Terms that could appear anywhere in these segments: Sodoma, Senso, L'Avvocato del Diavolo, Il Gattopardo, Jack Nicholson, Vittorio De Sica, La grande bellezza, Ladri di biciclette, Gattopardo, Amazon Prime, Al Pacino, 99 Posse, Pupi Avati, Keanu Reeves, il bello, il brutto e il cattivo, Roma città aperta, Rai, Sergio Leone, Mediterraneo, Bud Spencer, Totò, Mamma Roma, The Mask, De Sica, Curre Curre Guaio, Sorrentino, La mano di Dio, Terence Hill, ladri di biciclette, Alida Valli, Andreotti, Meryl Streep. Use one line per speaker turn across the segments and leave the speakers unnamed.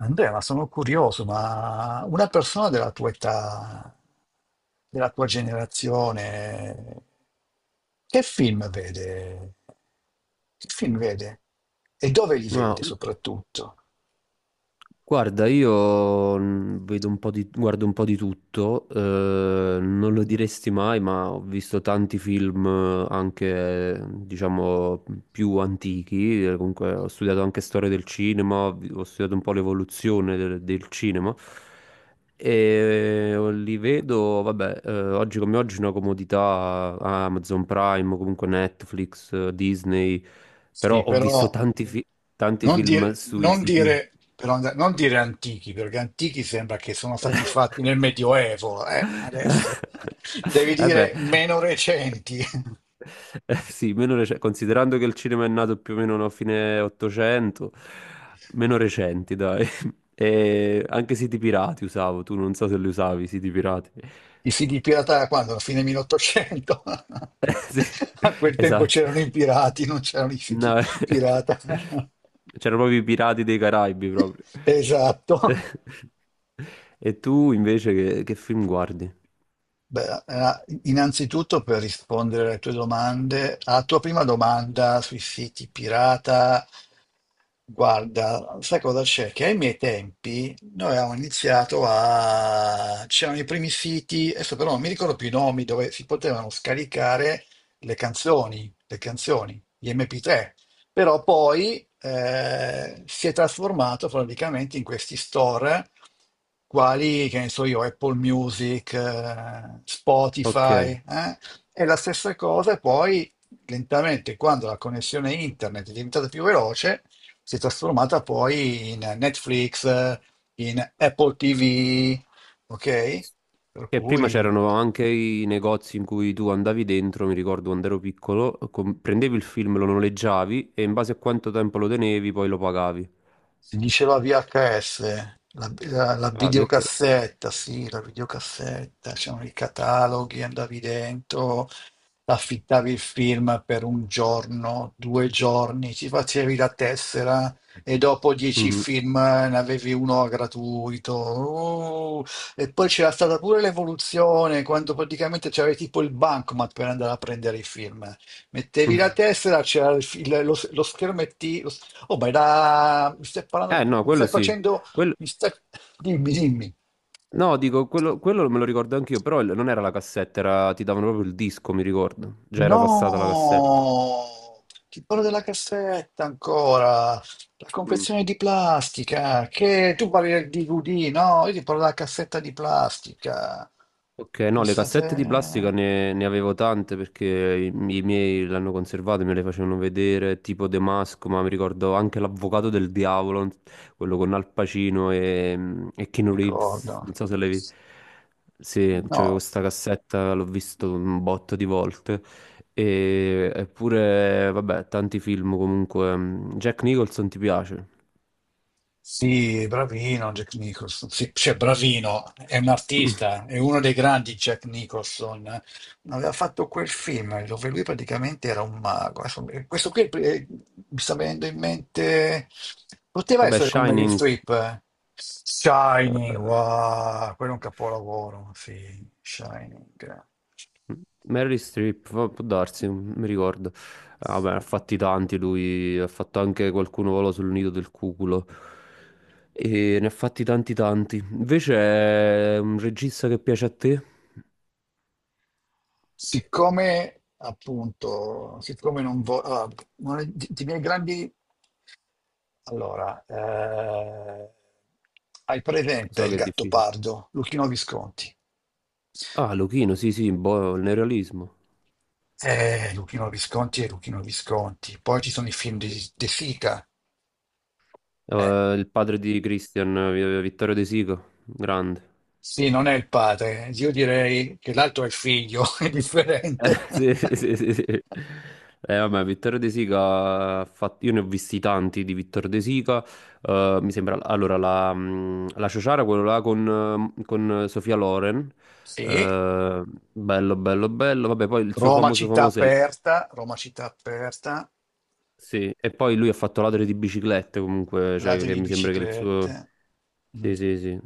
Andrea, ma sono curioso, ma una persona della tua età, della tua generazione, che film vede? Che film vede? E dove li
Ma
vede soprattutto?
guarda, io mm, vedo un po' di, guardo un po' di tutto, non lo diresti mai, ma ho visto tanti film anche, diciamo, più antichi, comunque ho studiato anche storia del cinema, ho studiato un po' l'evoluzione del cinema e li vedo, vabbè, oggi come oggi una comodità Amazon Prime, comunque Netflix, Disney, però
Sì,
ho
però
visto tanti, tanti
non
film
dire,
sui
non
siti.
dire- però non dire antichi, perché antichi sembra che sono stati fatti nel Medioevo, adesso. Devi
Eh
dire
beh,
meno recenti.
eh sì, considerando che il cinema è nato più o meno a fine 800, meno recenti, dai. E anche siti pirati usavo, tu non so se li usavi, i siti pirati.
I fighi pirata da quando? A fine 1800?
Sì,
A quel tempo
esatto.
c'erano i pirati, non c'erano i fighi
No,
pirata.
c'erano proprio i pirati dei Caraibi, proprio.
Esatto.
E tu invece che film guardi?
Beh, innanzitutto per rispondere alle tue domande, alla tua prima domanda sui siti pirata, guarda, sai cosa c'è? Che ai miei tempi noi avevamo iniziato a... c'erano i primi siti, adesso però non mi ricordo più i nomi, dove si potevano scaricare le canzoni, gli MP3. Però poi si è trasformato praticamente in questi store quali, che ne so io, Apple Music,
Ok.
Spotify, eh? E la stessa cosa poi lentamente, quando la connessione internet è diventata più veloce, si è trasformata poi in Netflix, in Apple TV, ok? Per
Che prima
cui...
c'erano anche i negozi in cui tu andavi dentro, mi ricordo quando ero piccolo, prendevi il film, lo noleggiavi e in base a quanto tempo lo tenevi poi lo pagavi.
Si diceva VHS, la
Ah, perché?
videocassetta, sì, la videocassetta, c'erano i cataloghi, andavi dentro, affittavi il film per un giorno, due giorni, ti facevi la tessera e dopo dieci
Mhm.
film ne avevi uno gratuito. Oh, e poi c'era stata pure l'evoluzione, quando praticamente c'era tipo il bancomat per andare a prendere i film. Mettevi la tessera, c'era il lo schermetto. Oh, ma era... mi stai parlando,
Eh
di-
no,
mi
quello
stai
sì.
facendo,
Quello-
mi stai... Dimmi, dimmi.
No, dico, quello me lo ricordo anch'io, però non era la cassetta, ti davano proprio il disco, mi ricordo. Già era passata la cassetta.
No, ti parlo della cassetta ancora, la
Mm.
confezione di plastica, che tu parli del DVD, no? Io ti parlo della cassetta di plastica.
Ok, no, le cassette di plastica
Pensate,
ne avevo tante perché i miei l'hanno conservate, me le facevano vedere, tipo The Mask, ma mi ricordo anche L'Avvocato del Diavolo, quello con Al Pacino e Keanu Reeves,
ricordo.
non so se l'hai visto. Sì, c'avevo
No.
questa cassetta, l'ho visto un botto di volte. Eppure, vabbè, tanti film comunque. Jack Nicholson ti piace?
Sì, bravino Jack Nicholson. Sì, cioè, bravino, è un artista, è uno dei grandi Jack Nicholson. Aveva fatto quel film dove lui praticamente era un mago. Adesso, questo qui mi sta venendo in mente. Poteva
Vabbè,
essere come Meryl
Shining,
Streep. Eh. Shining,
eh,
wow, quello è un capolavoro. Sì, Shining.
Meryl Streep, può darsi, non mi ricordo. Ah, vabbè, ha fatti tanti lui, ha fatto anche qualcuno vola sul nido del cuculo. E ne ha fatti tanti tanti. Invece è un regista che piace a te?
Siccome appunto, siccome non voglio, i miei grandi, allora, hai presente
So
il
che è difficile.
Gattopardo, Luchino Visconti?
Ah, Luchino, sì, sì, boh, il neorealismo.
Luchino Visconti e Luchino Visconti. Poi ci sono i film di De Sica. Eh,
Il padre di Christian, Vittorio De Sica, grande.
sì, non è il padre. Io direi che l'altro è il figlio, è differente.
Sì, sì, sì, sì. Vabbè, Vittorio De Sica ha fatto. Io ne ho visti tanti di Vittorio De Sica. Mi sembra. Allora, la Ciociara, quello là con Sofia Loren.
Sì.
eh, Bello, bello, bello. Vabbè, poi il suo famoso famoso è.
Roma città aperta,
Sì, e poi lui ha fatto Ladri di biciclette comunque, cioè
ladri
che
di
mi sembra che il suo.
biciclette. Mm.
Sì, sì, sì.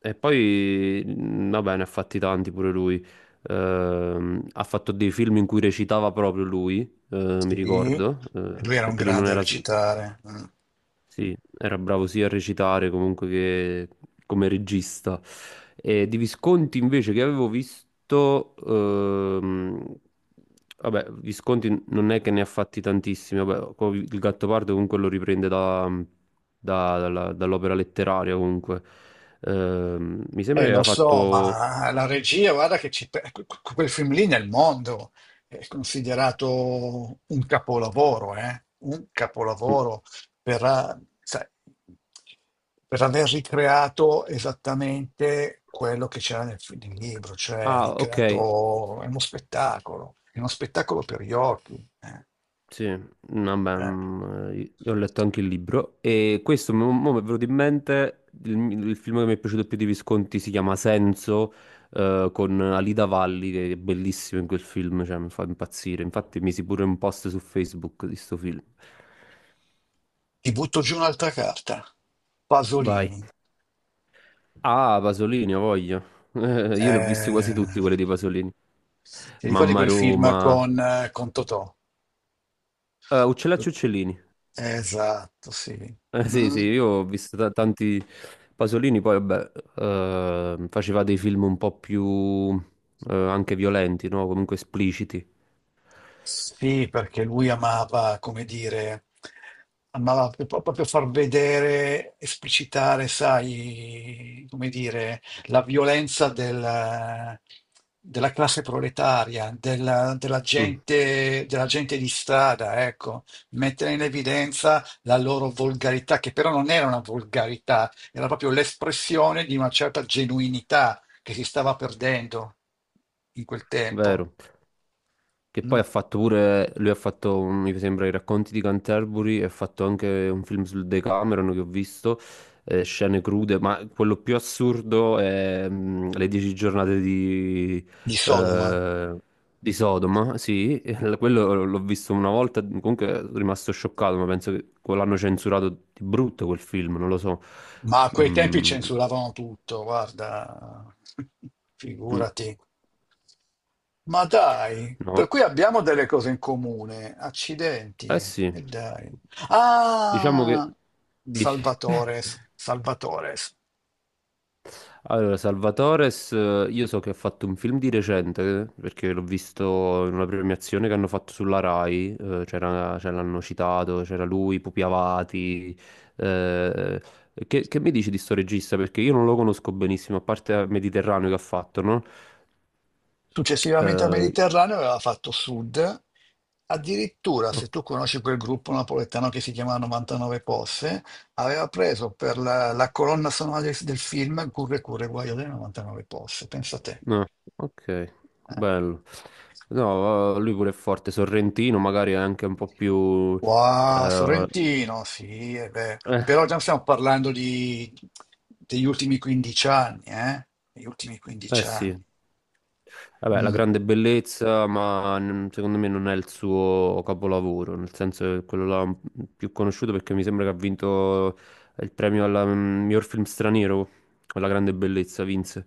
E poi, vabbè, ne ha fatti tanti pure lui. Ha fatto dei film in cui recitava proprio lui, mi
Sì,
ricordo,
e lui era un
perché lui non
grande a
era.
recitare. Mm.
Sì, era bravo sia a recitare comunque che come regista. E di Visconti invece che avevo visto, vabbè, Visconti non è che ne ha fatti tantissimi, vabbè, il Gattopardo comunque lo riprende dall'opera letteraria comunque. Mi sembra che
Lo
aveva
so,
fatto.
ma la regia, guarda che ci pe- que- que- quel film lì nel mondo è considerato un capolavoro, eh? Un
Mm.
capolavoro per, sai, per aver ricreato esattamente quello che c'era nel libro, cioè ha
Ah, ok.
ricreato, è uno spettacolo per gli occhi. Eh,
Sì. Vabbè,
eh.
io ho letto anche il libro e questo mo- mo mi è venuto in mente il film che mi è piaciuto più di Visconti si chiama Senso, con Alida Valli che è bellissimo in quel film, cioè mi fa impazzire. Infatti misi pure un post su Facebook di sto film.
Ti butto giù un'altra carta,
Vai.
Pasolini.
Ah, Pasolini, ho voglia. Io li ho visti quasi
Eh,
tutti quelli di Pasolini.
Ti ricordi
Mamma
quel film
Roma.
con Totò?
Uccellacci e Uccellini.
Esatto, sì.
Sì,
Mm.
sì, io ho visto tanti Pasolini, poi vabbè, faceva dei film un po' più anche violenti, no? Comunque espliciti.
Sì, perché lui amava, come dire, amava proprio far vedere, esplicitare, sai, come dire, la violenza della classe proletaria,
Mm,
della gente di strada, ecco, mettere in evidenza la loro volgarità, che però non era una volgarità, era proprio l'espressione di una certa genuinità che si stava perdendo in quel tempo,
vero. Che poi
mm,
ha fatto pure, lui ha fatto, mi sembra, i racconti di Canterbury e ha fatto anche un film sul Decameron che ho visto, scene crude, ma quello più assurdo è le dieci giornate
di Sodoma.
eh, di Sodoma, sì, quello l'ho visto una volta, comunque sono rimasto scioccato, ma penso che quello l'hanno censurato di brutto quel film, non lo so.
Ma a quei tempi
Mm,
censuravano tutto, guarda,
mm,
figurati. Ma dai,
no,
per cui abbiamo delle cose in comune, accidenti,
eh sì,
e dai.
diciamo che.
Ah,
Dici.
Salvatores, Salvatores.
Allora, Salvatores, io so che ha fatto un film di recente, perché l'ho visto in una premiazione che hanno fatto sulla Rai, c'era, ce l'hanno citato, c'era lui, Pupi Avati. eh, che mi dici di sto regista? Perché io non lo conosco benissimo, a parte Mediterraneo che ha fatto, no?
Successivamente al
Eh,
Mediterraneo aveva fatto sud, addirittura, se
oh,
tu conosci quel gruppo napoletano che si chiama 99 Posse, aveva preso per la colonna sonora del film Curre Curre Guaio delle 99 Posse, pensa te.
no, ok,
Eh.
bello. No, lui pure è forte, Sorrentino magari è anche un po' più.
Wow,
eh,
Sorrentino, sì, eh beh.
eh,
Però già stiamo parlando degli ultimi 15 anni, eh? Degli ultimi
eh
15
sì,
anni.
vabbè, La
Mm.
grande bellezza, ma secondo me non è il suo capolavoro, nel senso che quello là più conosciuto perché mi sembra che ha vinto il premio al miglior film straniero, con La grande bellezza vinse,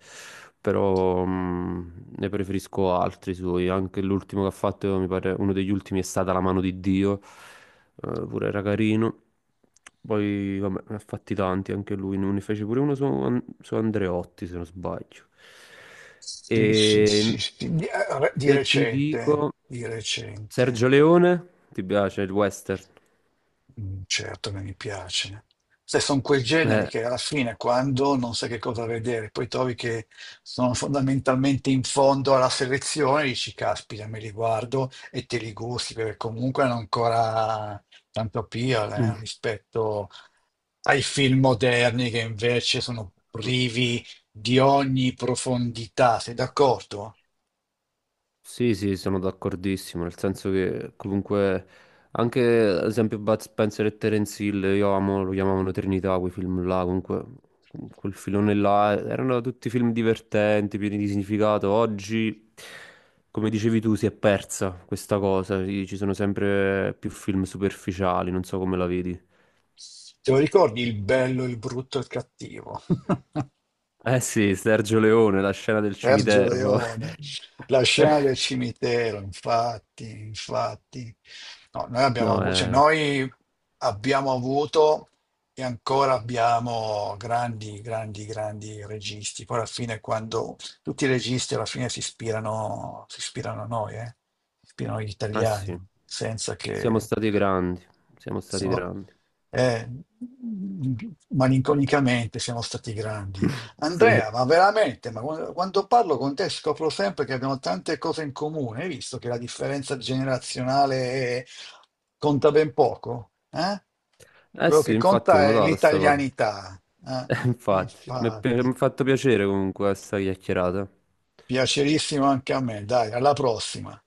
però ne preferisco altri suoi, anche l'ultimo che ha fatto, mi pare uno degli ultimi è stata La mano di Dio, pure era carino. Poi, vabbè, ne ha fatti tanti anche lui, ne fece pure uno su Andreotti, se non sbaglio. E
Sì, sì, sì, sì. Di, di
se ti
recente,
dico
di
Sergio
recente.
Leone, ti piace il western?
Mm, certo che mi piace. Se sono quei generi
Eh.
che alla fine, quando non sai che cosa vedere, poi trovi che sono fondamentalmente in fondo alla selezione, dici, caspita, me li guardo e te li gusti, perché comunque hanno ancora tanto appeal, rispetto ai film moderni che invece sono privi di ogni profondità. Sei d'accordo?
Sì, sì, sono d'accordissimo, nel senso che comunque anche ad esempio Bud Spencer e Terence Hill, io amo, lo chiamavano Trinità, quei film là, comunque quel filone là, erano tutti film divertenti, pieni di significato. Oggi, come dicevi tu, si è persa questa cosa, sì, ci sono sempre più film superficiali, non so come la vedi.
Te lo ricordi il bello, il brutto e il cattivo?
Eh sì, Sergio Leone, la scena del
Sergio
cimitero.
Leone, la scena del cimitero, infatti, infatti. No, noi abbiamo
No,
avuto, cioè noi abbiamo avuto e ancora abbiamo grandi, grandi, grandi registi. Poi alla fine, quando tutti i registi alla fine si ispirano a noi, eh? Si ispirano agli
eh
italiani,
sì,
senza
siamo
che
stati grandi, siamo stati
siamo,
grandi.
eh, malinconicamente siamo stati grandi.
Sì.
Andrea, ma veramente, ma quando parlo con te scopro sempre che abbiamo tante cose in comune. Hai visto che la differenza generazionale conta ben poco? Eh?
Eh
Quello
sì,
che
infatti l'ho
conta è
notata sta cosa.
l'italianità. Eh?
Infatti, mi ha
Infatti,
fatto piacere comunque questa chiacchierata.
piacerissimo anche a me. Dai, alla prossima.